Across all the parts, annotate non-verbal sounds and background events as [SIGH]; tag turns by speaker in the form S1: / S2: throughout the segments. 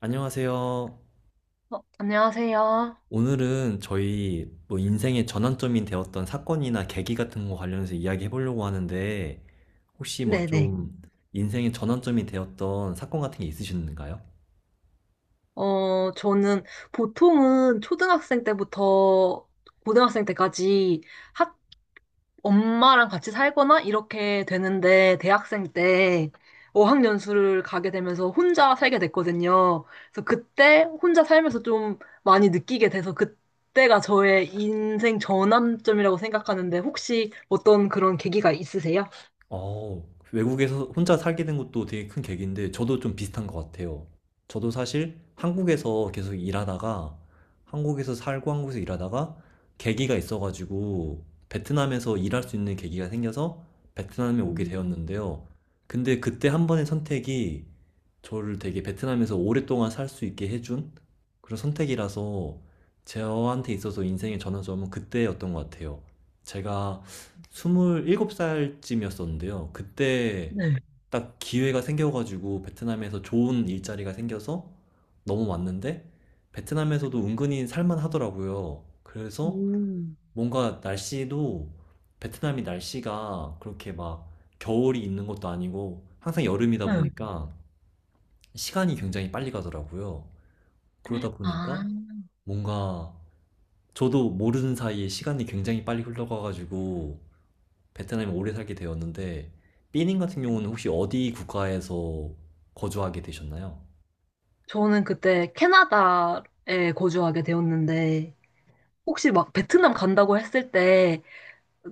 S1: 안녕하세요.
S2: 안녕하세요.
S1: 오늘은 저희 뭐 인생의 전환점이 되었던 사건이나 계기 같은 거 관련해서 이야기해 보려고 하는데, 혹시 뭐
S2: 네네.
S1: 좀 인생의 전환점이 되었던 사건 같은 게 있으신가요?
S2: 저는 보통은 초등학생 때부터 고등학생 때까지 학, 엄마랑 같이 살거나 이렇게 되는데 대학생 때 어학연수를 가게 되면서 혼자 살게 됐거든요. 그래서 그때 혼자 살면서 좀 많이 느끼게 돼서 그때가 저의 인생 전환점이라고 생각하는데 혹시 어떤 그런 계기가 있으세요?
S1: 어, 외국에서 혼자 살게 된 것도 되게 큰 계기인데, 저도 좀 비슷한 것 같아요. 저도 사실 한국에서 계속 일하다가, 한국에서 살고 한국에서 일하다가, 계기가 있어가지고, 베트남에서 일할 수 있는 계기가 생겨서 베트남에 오게
S2: 음,
S1: 되었는데요. 근데 그때 한 번의 선택이 저를 되게 베트남에서 오랫동안 살 수 있게 해준 그런 선택이라서, 저한테 있어서 인생의 전환점은 그때였던 것 같아요. 제가 27살쯤이었었는데요. 그때
S2: 네.
S1: 딱 기회가 생겨가지고 베트남에서 좋은 일자리가 생겨서 넘어왔는데, 베트남에서도 은근히 살만 하더라고요. 그래서
S2: 음,
S1: 뭔가 날씨도, 베트남이 날씨가 그렇게 막 겨울이 있는 것도 아니고 항상 여름이다
S2: 네.
S1: 보니까 시간이
S2: 음.
S1: 굉장히 빨리 가더라고요. 그러다
S2: 아.
S1: 보니까 뭔가 저도 모르는 사이에 시간이 굉장히 빨리 흘러가가지고 베트남에 오래 살게 되었는데, 삐님 같은 경우는 혹시 어디 국가에서 거주하게 되셨나요?
S2: 저는 그때 캐나다에 거주하게 되었는데, 혹시 막 베트남 간다고 했을 때,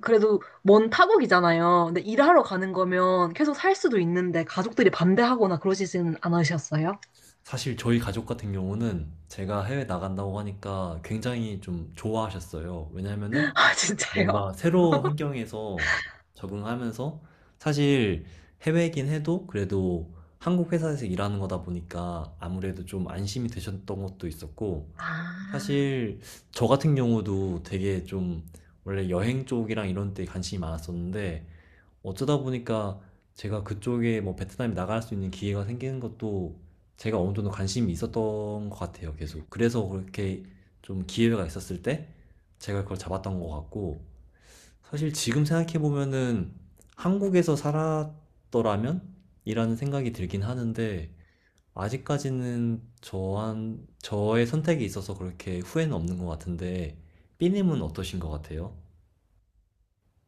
S2: 그래도 먼 타국이잖아요. 근데 일하러 가는 거면 계속 살 수도 있는데, 가족들이 반대하거나 그러시지는 않으셨어요?
S1: 사실 저희 가족 같은 경우는 제가 해외 나간다고 하니까 굉장히 좀 좋아하셨어요. 왜냐면은
S2: [LAUGHS] 아, 진짜요?
S1: 뭔가 새로운 환경에서 적응하면서, 사실 해외이긴 해도 그래도 한국 회사에서 일하는 거다 보니까 아무래도 좀 안심이 되셨던 것도 있었고,
S2: 아,
S1: 사실 저 같은 경우도 되게 좀 원래 여행 쪽이랑 이런 데 관심이 많았었는데, 어쩌다 보니까 제가 그쪽에 뭐 베트남에 나갈 수 있는 기회가 생기는 것도 제가 어느 정도 관심이 있었던 것 같아요, 계속. 그래서 그렇게 좀 기회가 있었을 때 제가 그걸 잡았던 것 같고, 사실 지금 생각해보면은 한국에서 살았더라면? 이라는 생각이 들긴 하는데, 아직까지는 저의 선택에 있어서 그렇게 후회는 없는 것 같은데, 삐님은 어떠신 것 같아요?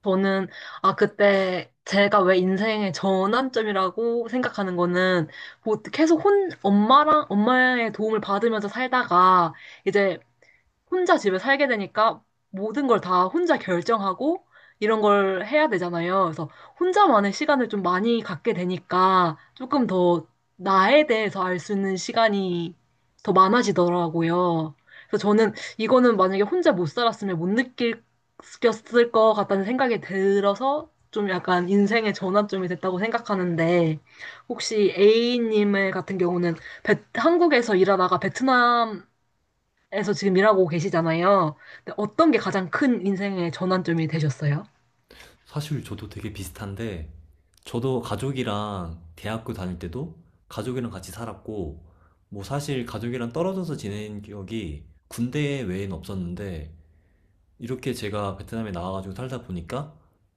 S2: 저는, 아, 그때 제가 왜 인생의 전환점이라고 생각하는 거는, 뭐 계속 엄마랑, 엄마의 도움을 받으면서 살다가, 이제 혼자 집에 살게 되니까 모든 걸 다 혼자 결정하고 이런 걸 해야 되잖아요. 그래서 혼자만의 시간을 좀 많이 갖게 되니까 조금 더 나에 대해서 알 수 있는 시간이 더 많아지더라고요. 그래서 저는 이거는 만약에 혼자 못 살았으면 못 느꼈을 것 같다는 생각이 들어서 좀 약간 인생의 전환점이 됐다고 생각하는데 혹시 A님의 같은 경우는 한국에서 일하다가 베트남 에서 지금 일하고 계시잖아요. 근데 어떤 게 가장 큰 인생의 전환점이 되셨어요?
S1: 사실 저도 되게 비슷한데, 저도 가족이랑 대학교 다닐 때도 가족이랑 같이 살았고, 뭐 사실 가족이랑 떨어져서 지낸 기억이 군대 외에는 없었는데, 이렇게 제가 베트남에 나와가지고 살다 보니까,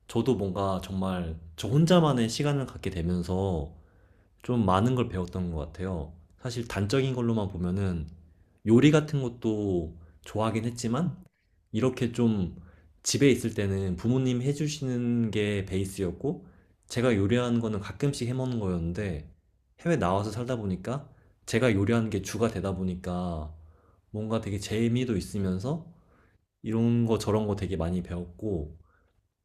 S1: 저도 뭔가 정말 저 혼자만의 시간을 갖게 되면서 좀 많은 걸 배웠던 것 같아요. 사실 단적인 걸로만 보면은 요리 같은 것도 좋아하긴 했지만, 이렇게 좀 집에 있을 때는 부모님 해주시는 게 베이스였고, 제가 요리하는 거는 가끔씩 해먹는 거였는데, 해외 나와서 살다 보니까 제가 요리하는 게 주가 되다 보니까 뭔가 되게 재미도 있으면서 이런 거 저런 거 되게 많이 배웠고,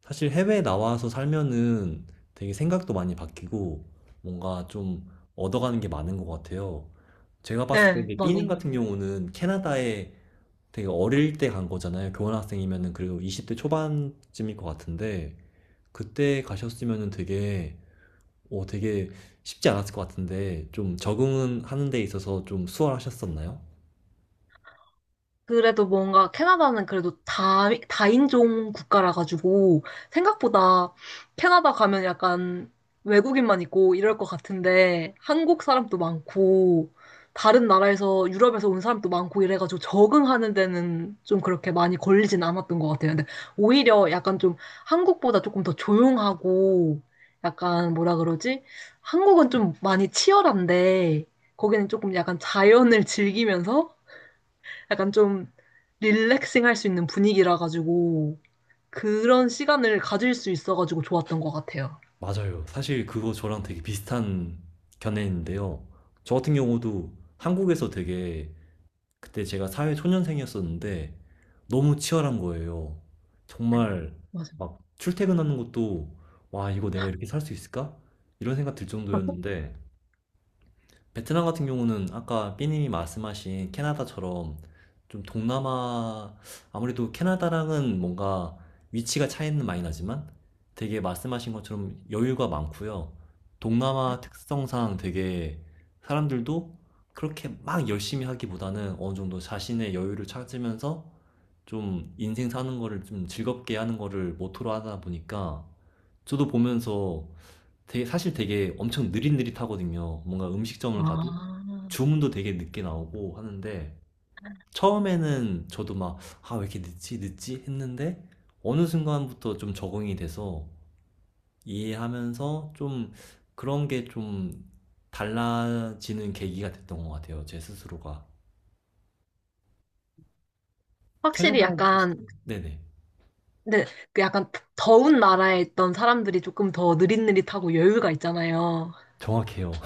S1: 사실 해외 나와서 살면은 되게 생각도 많이 바뀌고, 뭔가 좀 얻어가는 게 많은 것 같아요. 제가 봤을 때
S2: 네,
S1: 이제 삐닝
S2: 맞아요.
S1: 같은 경우는 캐나다에 되게 어릴 때 간 거잖아요. 교환학생이면은 그래도 20대 초반쯤일 것 같은데, 그때 가셨으면은 되게 되게 쉽지 않았을 것 같은데, 좀 적응은 하는 데 있어서 좀 수월하셨었나요?
S2: 그래도 뭔가 캐나다는 그래도 다인종 국가라 가지고 생각보다 캐나다 가면 약간 외국인만 있고 이럴 것 같은데 한국 사람도 많고 다른 나라에서 유럽에서 온 사람도 많고 이래가지고 적응하는 데는 좀 그렇게 많이 걸리진 않았던 것 같아요. 근데 오히려 약간 좀 한국보다 조금 더 조용하고 약간 뭐라 그러지? 한국은 좀 많이 치열한데 거기는 조금 약간 자연을 즐기면서 약간 좀 릴렉싱 할 수 있는 분위기라 가지고 그런 시간을 가질 수 있어 가지고 좋았던 것 같아요.
S1: 맞아요. 사실 그거 저랑 되게 비슷한 견해인데요. 저 같은 경우도 한국에서 되게, 그때 제가 사회 초년생이었었는데 너무 치열한 거예요. 정말
S2: 맞아.
S1: 막 출퇴근하는 것도 와, 이거 내가 이렇게 살 수 있을까? 이런 생각 들 정도였는데, 베트남 같은 경우는 아까 삐님이 말씀하신 캐나다처럼 좀 동남아, 아무래도 캐나다랑은 뭔가 위치가 차이는 많이 나지만 되게 말씀하신 것처럼 여유가 많고요. 동남아 특성상 되게 사람들도 그렇게 막 열심히 하기보다는 어느 정도 자신의 여유를 찾으면서 좀 인생 사는 거를 좀 즐겁게 하는 거를 모토로 하다 보니까 저도 보면서 되게, 사실 되게 엄청 느릿느릿하거든요. 뭔가 음식점을 가도
S2: 아,
S1: 주문도 되게 늦게 나오고 하는데, 처음에는 저도 막, 아, 왜 이렇게 늦지, 늦지 했는데 어느 순간부터 좀 적응이 돼서 이해하면서 좀, 그런 게 좀 달라지는 계기가 됐던 것 같아요. 제 스스로가.
S2: 확실히
S1: 캐나다에 계실
S2: 약간,
S1: 때? 네네.
S2: 근데 그 약간 더운 나라에 있던 사람들이 조금 더 느릿느릿하고 여유가 있잖아요.
S1: 정확해요.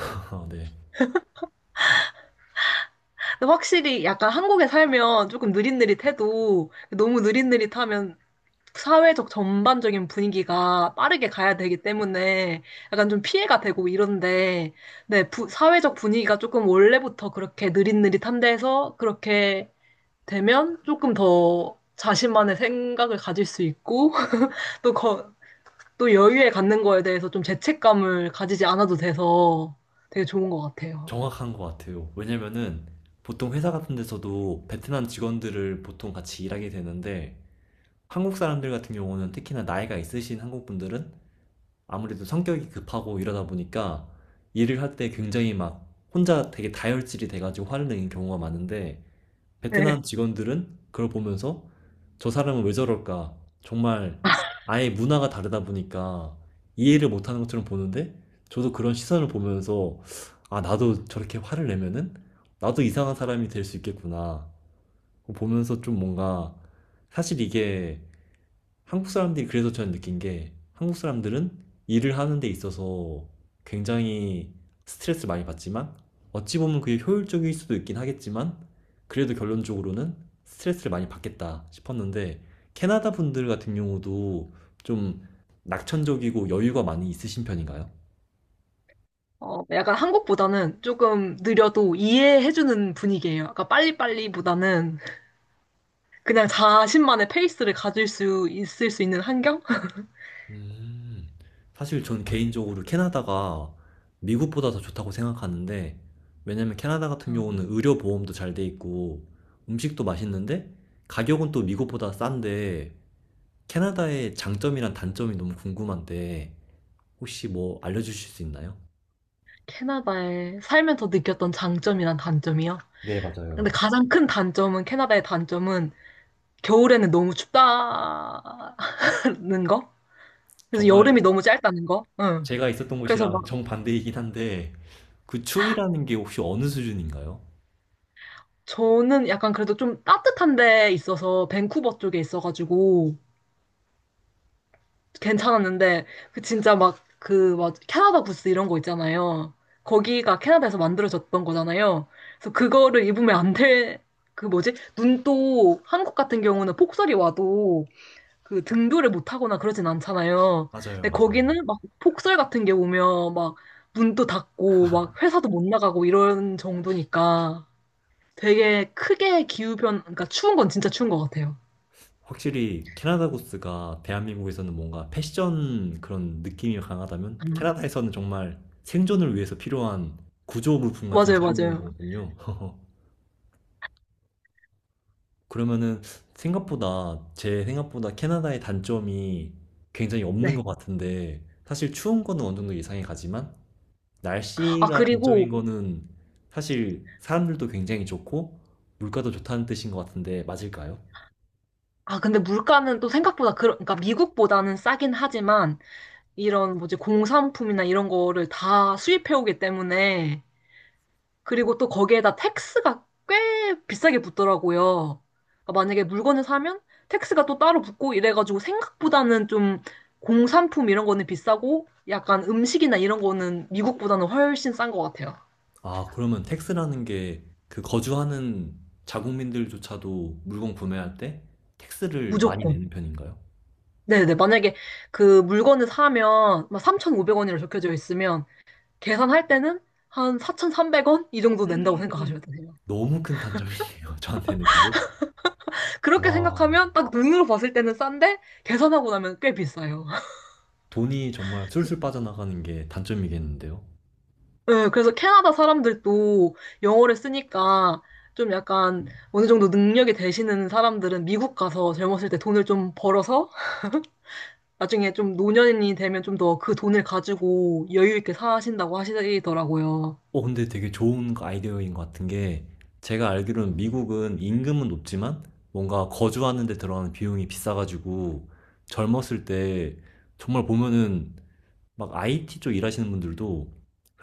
S1: [LAUGHS] 네.
S2: 근데 확실히 약간 한국에 살면 조금 느릿느릿해도 너무 느릿느릿하면 사회적 전반적인 분위기가 빠르게 가야 되기 때문에 약간 좀 피해가 되고 이런데, 네, 사회적 분위기가 조금 원래부터 그렇게 느릿느릿한데서 그렇게 되면 조금 더 자신만의 생각을 가질 수 있고, [LAUGHS] 또, 거, 또 여유에 갖는 거에 대해서 좀 죄책감을 가지지 않아도 돼서 되게 좋은 것 같아요.
S1: 정확한 것 같아요. 왜냐면은 보통 회사 같은 데서도 베트남 직원들을 보통 같이 일하게 되는데, 한국 사람들 같은 경우는 특히나 나이가 있으신 한국 분들은 아무래도 성격이 급하고 이러다 보니까 일을 할 때 굉장히 막 혼자 되게 다혈질이 돼가지고 화를 내는 경우가 많은데,
S2: 네.
S1: 베트남 직원들은 그걸 보면서 저 사람은 왜 저럴까? 정말 아예 문화가 다르다 보니까 이해를 못하는 것처럼 보는데, 저도 그런 시선을 보면서 아, 나도 저렇게 화를 내면은 나도 이상한 사람이 될 수 있겠구나. 보면서 좀 뭔가, 사실 이게 한국 사람들이, 그래서 저는 느낀 게 한국 사람들은 일을 하는 데 있어서 굉장히 스트레스를 많이 받지만 어찌 보면 그게 효율적일 수도 있긴 하겠지만 그래도 결론적으로는 스트레스를 많이 받겠다 싶었는데, 캐나다 분들 같은 경우도 좀 낙천적이고 여유가 많이 있으신 편인가요?
S2: 어, 약간 한국보다는 조금 느려도 이해해주는 분위기예요. 아까 빨리빨리보다는 그냥 자신만의 페이스를 가질 수 있을 수 있는 환경?
S1: 음, 사실 전 개인적으로 캐나다가 미국보다 더 좋다고 생각하는데, 왜냐면 캐나다 같은
S2: 아,
S1: 경우는 의료 보험도 잘 돼 있고, 음식도 맛있는데, 가격은 또 미국보다 싼데, 캐나다의 장점이랑 단점이 너무 궁금한데, 혹시 뭐 알려주실 수 있나요?
S2: 캐나다에 살면서 느꼈던 장점이란 단점이요.
S1: 네,
S2: 근데
S1: 맞아요.
S2: 가장 큰 단점은 캐나다의 단점은 겨울에는 너무 춥다는 거. 그래서
S1: 정말
S2: 여름이 너무 짧다는 거. 응.
S1: 제가 있었던
S2: 그래서
S1: 곳이랑
S2: 막
S1: 정반대이긴 한데, 그 추위라는 게 혹시 어느 수준인가요?
S2: 저는 약간 그래도 좀 따뜻한 데 있어서 밴쿠버 쪽에 있어가지고 괜찮았는데 그 진짜 막 그 막 캐나다 부스 이런 거 있잖아요. 거기가 캐나다에서 만들어졌던 거잖아요. 그래서 그거를 입으면 안 돼. 그 뭐지? 눈도 한국 같은 경우는 폭설이 와도 그 등교를 못 하거나 그러진 않잖아요.
S1: 맞아요,
S2: 근데
S1: 맞아요.
S2: 거기는 막 폭설 같은 게 오면 막 눈도 닫고
S1: [LAUGHS]
S2: 막 회사도 못 나가고 이런 정도니까 되게 크게 그러니까 추운 건 진짜 추운 것 같아요.
S1: 확실히 캐나다 구스가 대한민국에서는 뭔가 패션 그런 느낌이 강하다면
S2: 음.
S1: 캐나다에서는 정말 생존을 위해서 필요한 구조 물품 같은
S2: 맞아요,
S1: 수준인
S2: 맞아요.
S1: 거거든요. [LAUGHS] 그러면은 생각보다, 제 생각보다 캐나다의 단점이 굉장히 없는 것
S2: 네.
S1: 같은데, 사실 추운 거는 어느 정도 예상이 가지만
S2: 아,
S1: 날씨가 단점인
S2: 그리고
S1: 거는, 사실 사람들도 굉장히 좋고 물가도 좋다는 뜻인 것 같은데 맞을까요?
S2: 아, 근데 물가는 또 생각보다, 그 그러니까 미국보다는 싸긴 하지만, 이런 뭐지, 공산품이나 이런 거를 다 수입해오기 때문에, 그리고 또 거기에다 텍스가 꽤 비싸게 붙더라고요. 그러니까 만약에 물건을 사면 텍스가 또 따로 붙고 이래가지고 생각보다는 좀 공산품 이런 거는 비싸고, 약간 음식이나 이런 거는 미국보다는 훨씬 싼 것 같아요.
S1: 아, 그러면 택스라는 게 그 거주하는 자국민들조차도 물건 구매할 때 택스를 많이
S2: 무조건.
S1: 내는 편인가요?
S2: 네네. 만약에 그 물건을 사면 막 3,500원이라 적혀져 있으면, 계산할 때는 한 4,300원 이 정도 낸다고 생각하셔면 돼요.
S1: 너무 큰 단점이네요, [LAUGHS] 저한테는 그게.
S2: 그렇게
S1: 와,
S2: 생각하면 딱 눈으로 봤을 때는 싼데 계산하고 나면 꽤 비싸요. [LAUGHS]
S1: 돈이 정말 술술 빠져나가는 게 단점이겠는데요.
S2: 네, 그래서 캐나다 사람들도 영어를 쓰니까 좀 약간 어느 정도 능력이 되시는 사람들은 미국 가서 젊었을 때 돈을 좀 벌어서 나중에 좀 노년이 되면 좀 더 그 돈을 가지고 여유 있게 사신다고 하시더라고요.
S1: 근데 되게 좋은 아이디어인 것 같은 게, 제가 알기로는 미국은 임금은 높지만 뭔가 거주하는 데 들어가는 비용이 비싸가지고 젊었을 때 정말 보면은 막 IT 쪽 일하시는 분들도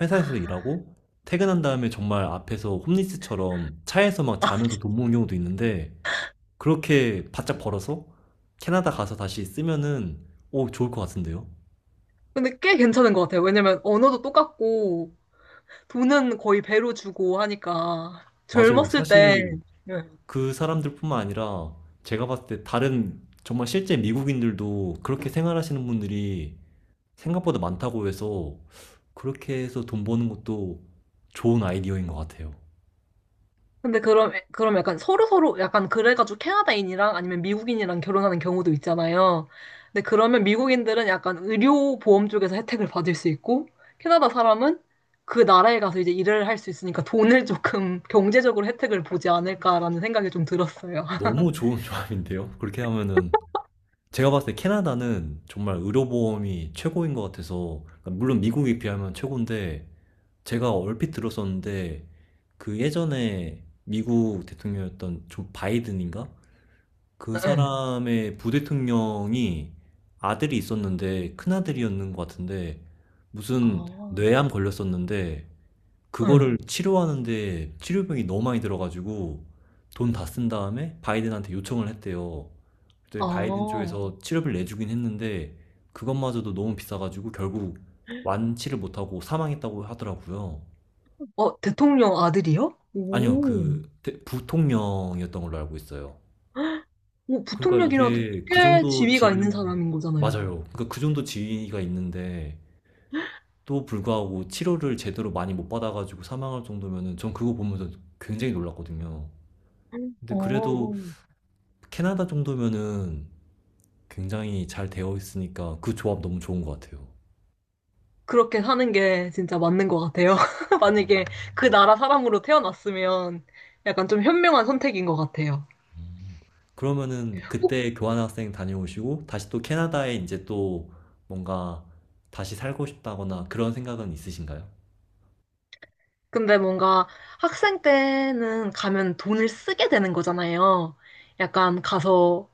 S1: 회사에서
S2: 아.
S1: 일하고 퇴근한 다음에 정말 앞에서 홈리스처럼 차에서 막 자면서 돈
S2: [LAUGHS]
S1: 모은 경우도 있는데, 그렇게 바짝 벌어서 캐나다 가서 다시 쓰면은 오, 좋을 것 같은데요?
S2: 근데 꽤 괜찮은 것 같아요. 왜냐면 언어도 똑같고 돈은 거의 배로 주고 하니까
S1: 맞아요.
S2: 젊었을 때
S1: 사실
S2: 예.
S1: 그 사람들뿐만 아니라 제가 봤을 때 다른 정말 실제 미국인들도 그렇게 생활하시는 분들이 생각보다 많다고 해서 그렇게 해서 돈 버는 것도 좋은 아이디어인 것 같아요.
S2: 근데 그럼 약간 서로 약간 그래가지고 캐나다인이랑 아니면 미국인이랑 결혼하는 경우도 있잖아요. 근데 그러면 미국인들은 약간 의료 보험 쪽에서 혜택을 받을 수 있고 캐나다 사람은 그 나라에 가서 이제 일을 할 수 있으니까 돈을 [LAUGHS] 조금 경제적으로 혜택을 보지 않을까라는 생각이 좀 들었어요. [LAUGHS]
S1: 너무 좋은 [LAUGHS] 조합인데요? 그렇게 하면은 제가 봤을 때 캐나다는 정말 의료보험이 최고인 것 같아서, 그러니까 물론 미국에 비하면 최고인데, 제가 얼핏 들었었는데, 그 예전에 미국 대통령이었던 조 바이든인가? 그 사람의 부대통령이 아들이 있었는데, 큰아들이었는 것 같은데, 무슨
S2: 아,
S1: 뇌암 걸렸었는데,
S2: 응.
S1: 그거를 치료하는데 치료비용이 너무 많이 들어가지고, 돈 다 쓴 다음에 바이든한테 요청을 했대요.
S2: 아,
S1: 그때 바이든
S2: 어,
S1: 쪽에서 치료비를 내주긴 했는데 그것마저도 너무 비싸가지고 결국 완치를 못하고 사망했다고 하더라고요.
S2: 대통령 아들이요?
S1: 아니요,
S2: 오.
S1: 부통령이었던 걸로 알고 있어요.
S2: 오,
S1: 그러니까
S2: 부통령이라도
S1: 이게 그
S2: 꽤
S1: 정도
S2: 지위가 있는
S1: 지위는,
S2: 사람인 거잖아요.
S1: 맞아요. 그러니까 그 정도 지위가 있는데 또 불구하고 치료를 제대로 많이 못 받아가지고 사망할 정도면은 전 그거 보면서 굉장히 놀랐거든요.
S2: 어,
S1: 근데 그래도
S2: 어.
S1: 캐나다 정도면은 굉장히 잘 되어 있으니까 그 조합 너무 좋은 것 같아요.
S2: 그렇게 사는 게 진짜 맞는 것 같아요. [LAUGHS] 만약에 그 나라 사람으로 태어났으면 약간 좀 현명한 선택인 것 같아요.
S1: 그러면은
S2: 어?
S1: 그때 교환학생 다녀오시고 다시 또 캐나다에 이제 또 뭔가 다시 살고 싶다거나 그런 생각은 있으신가요?
S2: 근데 뭔가 학생 때는 가면 돈을 쓰게 되는 거잖아요. 약간 가서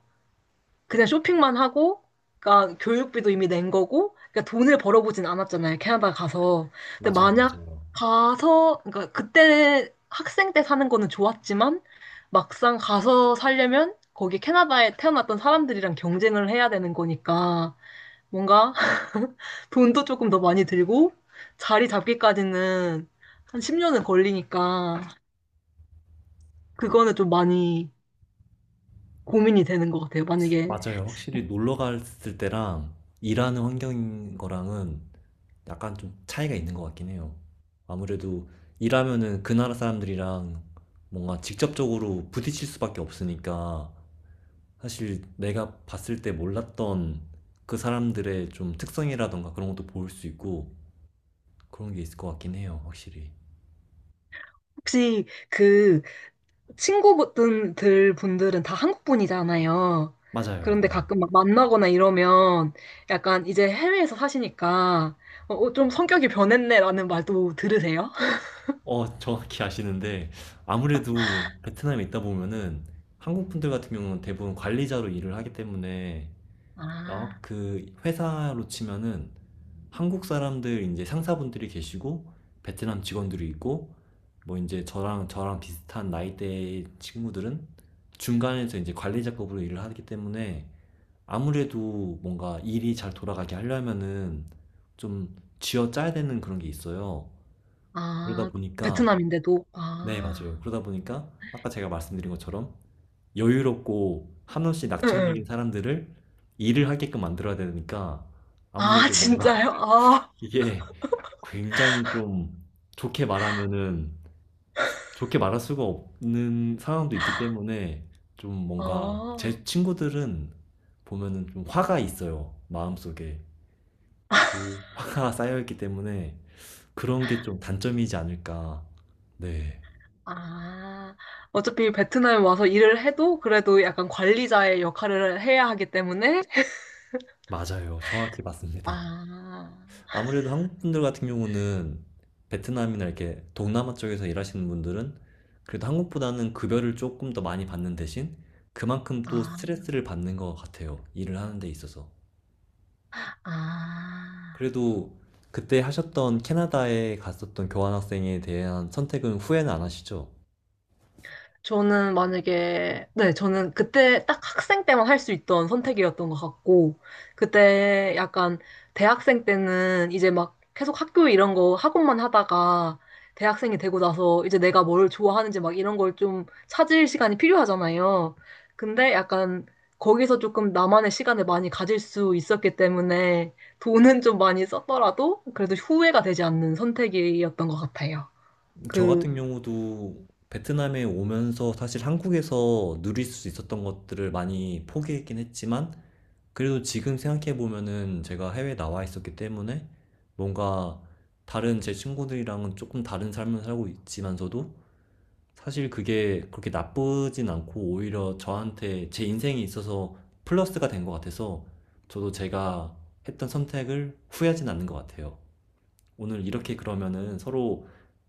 S2: 그냥 쇼핑만 하고, 그러니까 교육비도 이미 낸 거고, 그러니까 돈을 벌어보진 않았잖아요, 캐나다 가서. 근데
S1: 맞아요,
S2: 만약
S1: 맞아요.
S2: 가서, 그러니까 그때 학생 때 사는 거는 좋았지만, 막상 가서 살려면 거기 캐나다에 태어났던 사람들이랑 경쟁을 해야 되는 거니까, 뭔가 [LAUGHS] 돈도 조금 더 많이 들고, 자리 잡기까지는 한 10년은 걸리니까, 그거는 좀 많이 고민이 되는 것 같아요. 만약에,
S1: 맞아요. 확실히 놀러 갔을 때랑 일하는 환경인 거랑은 약간 좀 차이가 있는 것 같긴 해요. 아무래도 일하면은 그 나라 사람들이랑 뭔가 직접적으로 부딪힐 수밖에 없으니까 사실 내가 봤을 때 몰랐던 그 사람들의 좀 특성이라던가 그런 것도 볼 수 있고 그런 게 있을 것 같긴 해요, 확실히.
S2: 혹시 그 친구분들 분들은 다 한국 분이잖아요.
S1: 맞아요.
S2: 그런데
S1: 네.
S2: 가끔 막 만나거나 이러면 약간 이제 해외에서 사시니까 좀 성격이 변했네라는 말도 들으세요?
S1: 정확히 아시는데, 아무래도 베트남에 있다 보면은 한국 분들 같은 경우는 대부분 관리자로 일을 하기 때문에, 아,
S2: 아,
S1: 그 회사로 치면은 한국 사람들 이제 상사분들이 계시고 베트남 직원들이 있고 뭐 이제 저랑, 저랑 비슷한 나이대의 친구들은 중간에서 이제 관리자급으로 일을 하기 때문에 아무래도 뭔가 일이 잘 돌아가게 하려면은 좀 쥐어짜야 되는 그런 게 있어요. 그러다
S2: 아,
S1: 보니까,
S2: 베트남인데도
S1: 네, 맞아요.
S2: 아,
S1: 그러다 보니까 아까 제가 말씀드린 것처럼 여유롭고 한없이
S2: 응,
S1: 낙천적인
S2: 응.
S1: 사람들을 일을 하게끔 만들어야 되니까
S2: 아,
S1: 아무래도 뭔가
S2: 진짜요? 아,
S1: [LAUGHS] 이게 굉장히 좀, 좋게 말하면은 좋게 말할 수가 없는 상황도 있기 때문에, 좀 뭔가
S2: 어,
S1: 제 친구들은 보면은 좀 화가 있어요. 마음속에. 그 화가 [LAUGHS] 쌓여 있기 때문에 그런 게 좀 단점이지 않을까. 네,
S2: 아, 어차피 베트남에 와서 일을 해도 그래도 약간 관리자의 역할을 해야 하기 때문에
S1: 맞아요. 정확히 맞습니다.
S2: 아,
S1: 아무래도 한국 분들 같은 경우는 베트남이나 이렇게 동남아 쪽에서 일하시는 분들은 그래도 한국보다는 급여를 조금 더 많이 받는 대신 그만큼 또
S2: 아,
S1: 스트레스를 받는 것 같아요. 일을 하는 데 있어서.
S2: 아.
S1: 그래도 그때 하셨던 캐나다에 갔었던 교환학생에 대한 선택은 후회는 안 하시죠?
S2: 네, 저는 그때 딱 학생 때만 할 수 있던 선택이었던 것 같고, 그때 약간 대학생 때는 이제 막 계속 학교 이런 거 학업만 하다가 대학생이 되고 나서 이제 내가 뭘 좋아하는지 막 이런 걸 좀 찾을 시간이 필요하잖아요. 근데 약간 거기서 조금 나만의 시간을 많이 가질 수 있었기 때문에 돈은 좀 많이 썼더라도 그래도 후회가 되지 않는 선택이었던 것 같아요.
S1: 저
S2: 그,
S1: 같은 경우도 베트남에 오면서 사실 한국에서 누릴 수 있었던 것들을 많이 포기했긴 했지만, 그래도 지금 생각해보면은 제가 해외에 나와 있었기 때문에 뭔가 다른 제 친구들이랑은 조금 다른 삶을 살고 있지만서도 사실 그게 그렇게 나쁘진 않고 오히려 저한테 제 인생에 있어서 플러스가 된 것 같아서 저도 제가 했던 선택을 후회하진 않는 것 같아요. 오늘 이렇게 그러면은 서로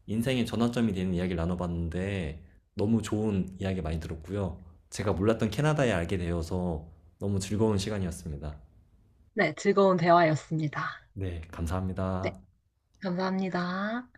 S1: 인생의 전환점이 되는 이야기를 나눠봤는데 너무 좋은 이야기 많이 들었고요. 제가 몰랐던 캐나다에 알게 되어서 너무 즐거운 시간이었습니다.
S2: 네, 즐거운 대화였습니다.
S1: 네,
S2: 네.
S1: 감사합니다.
S2: 감사합니다.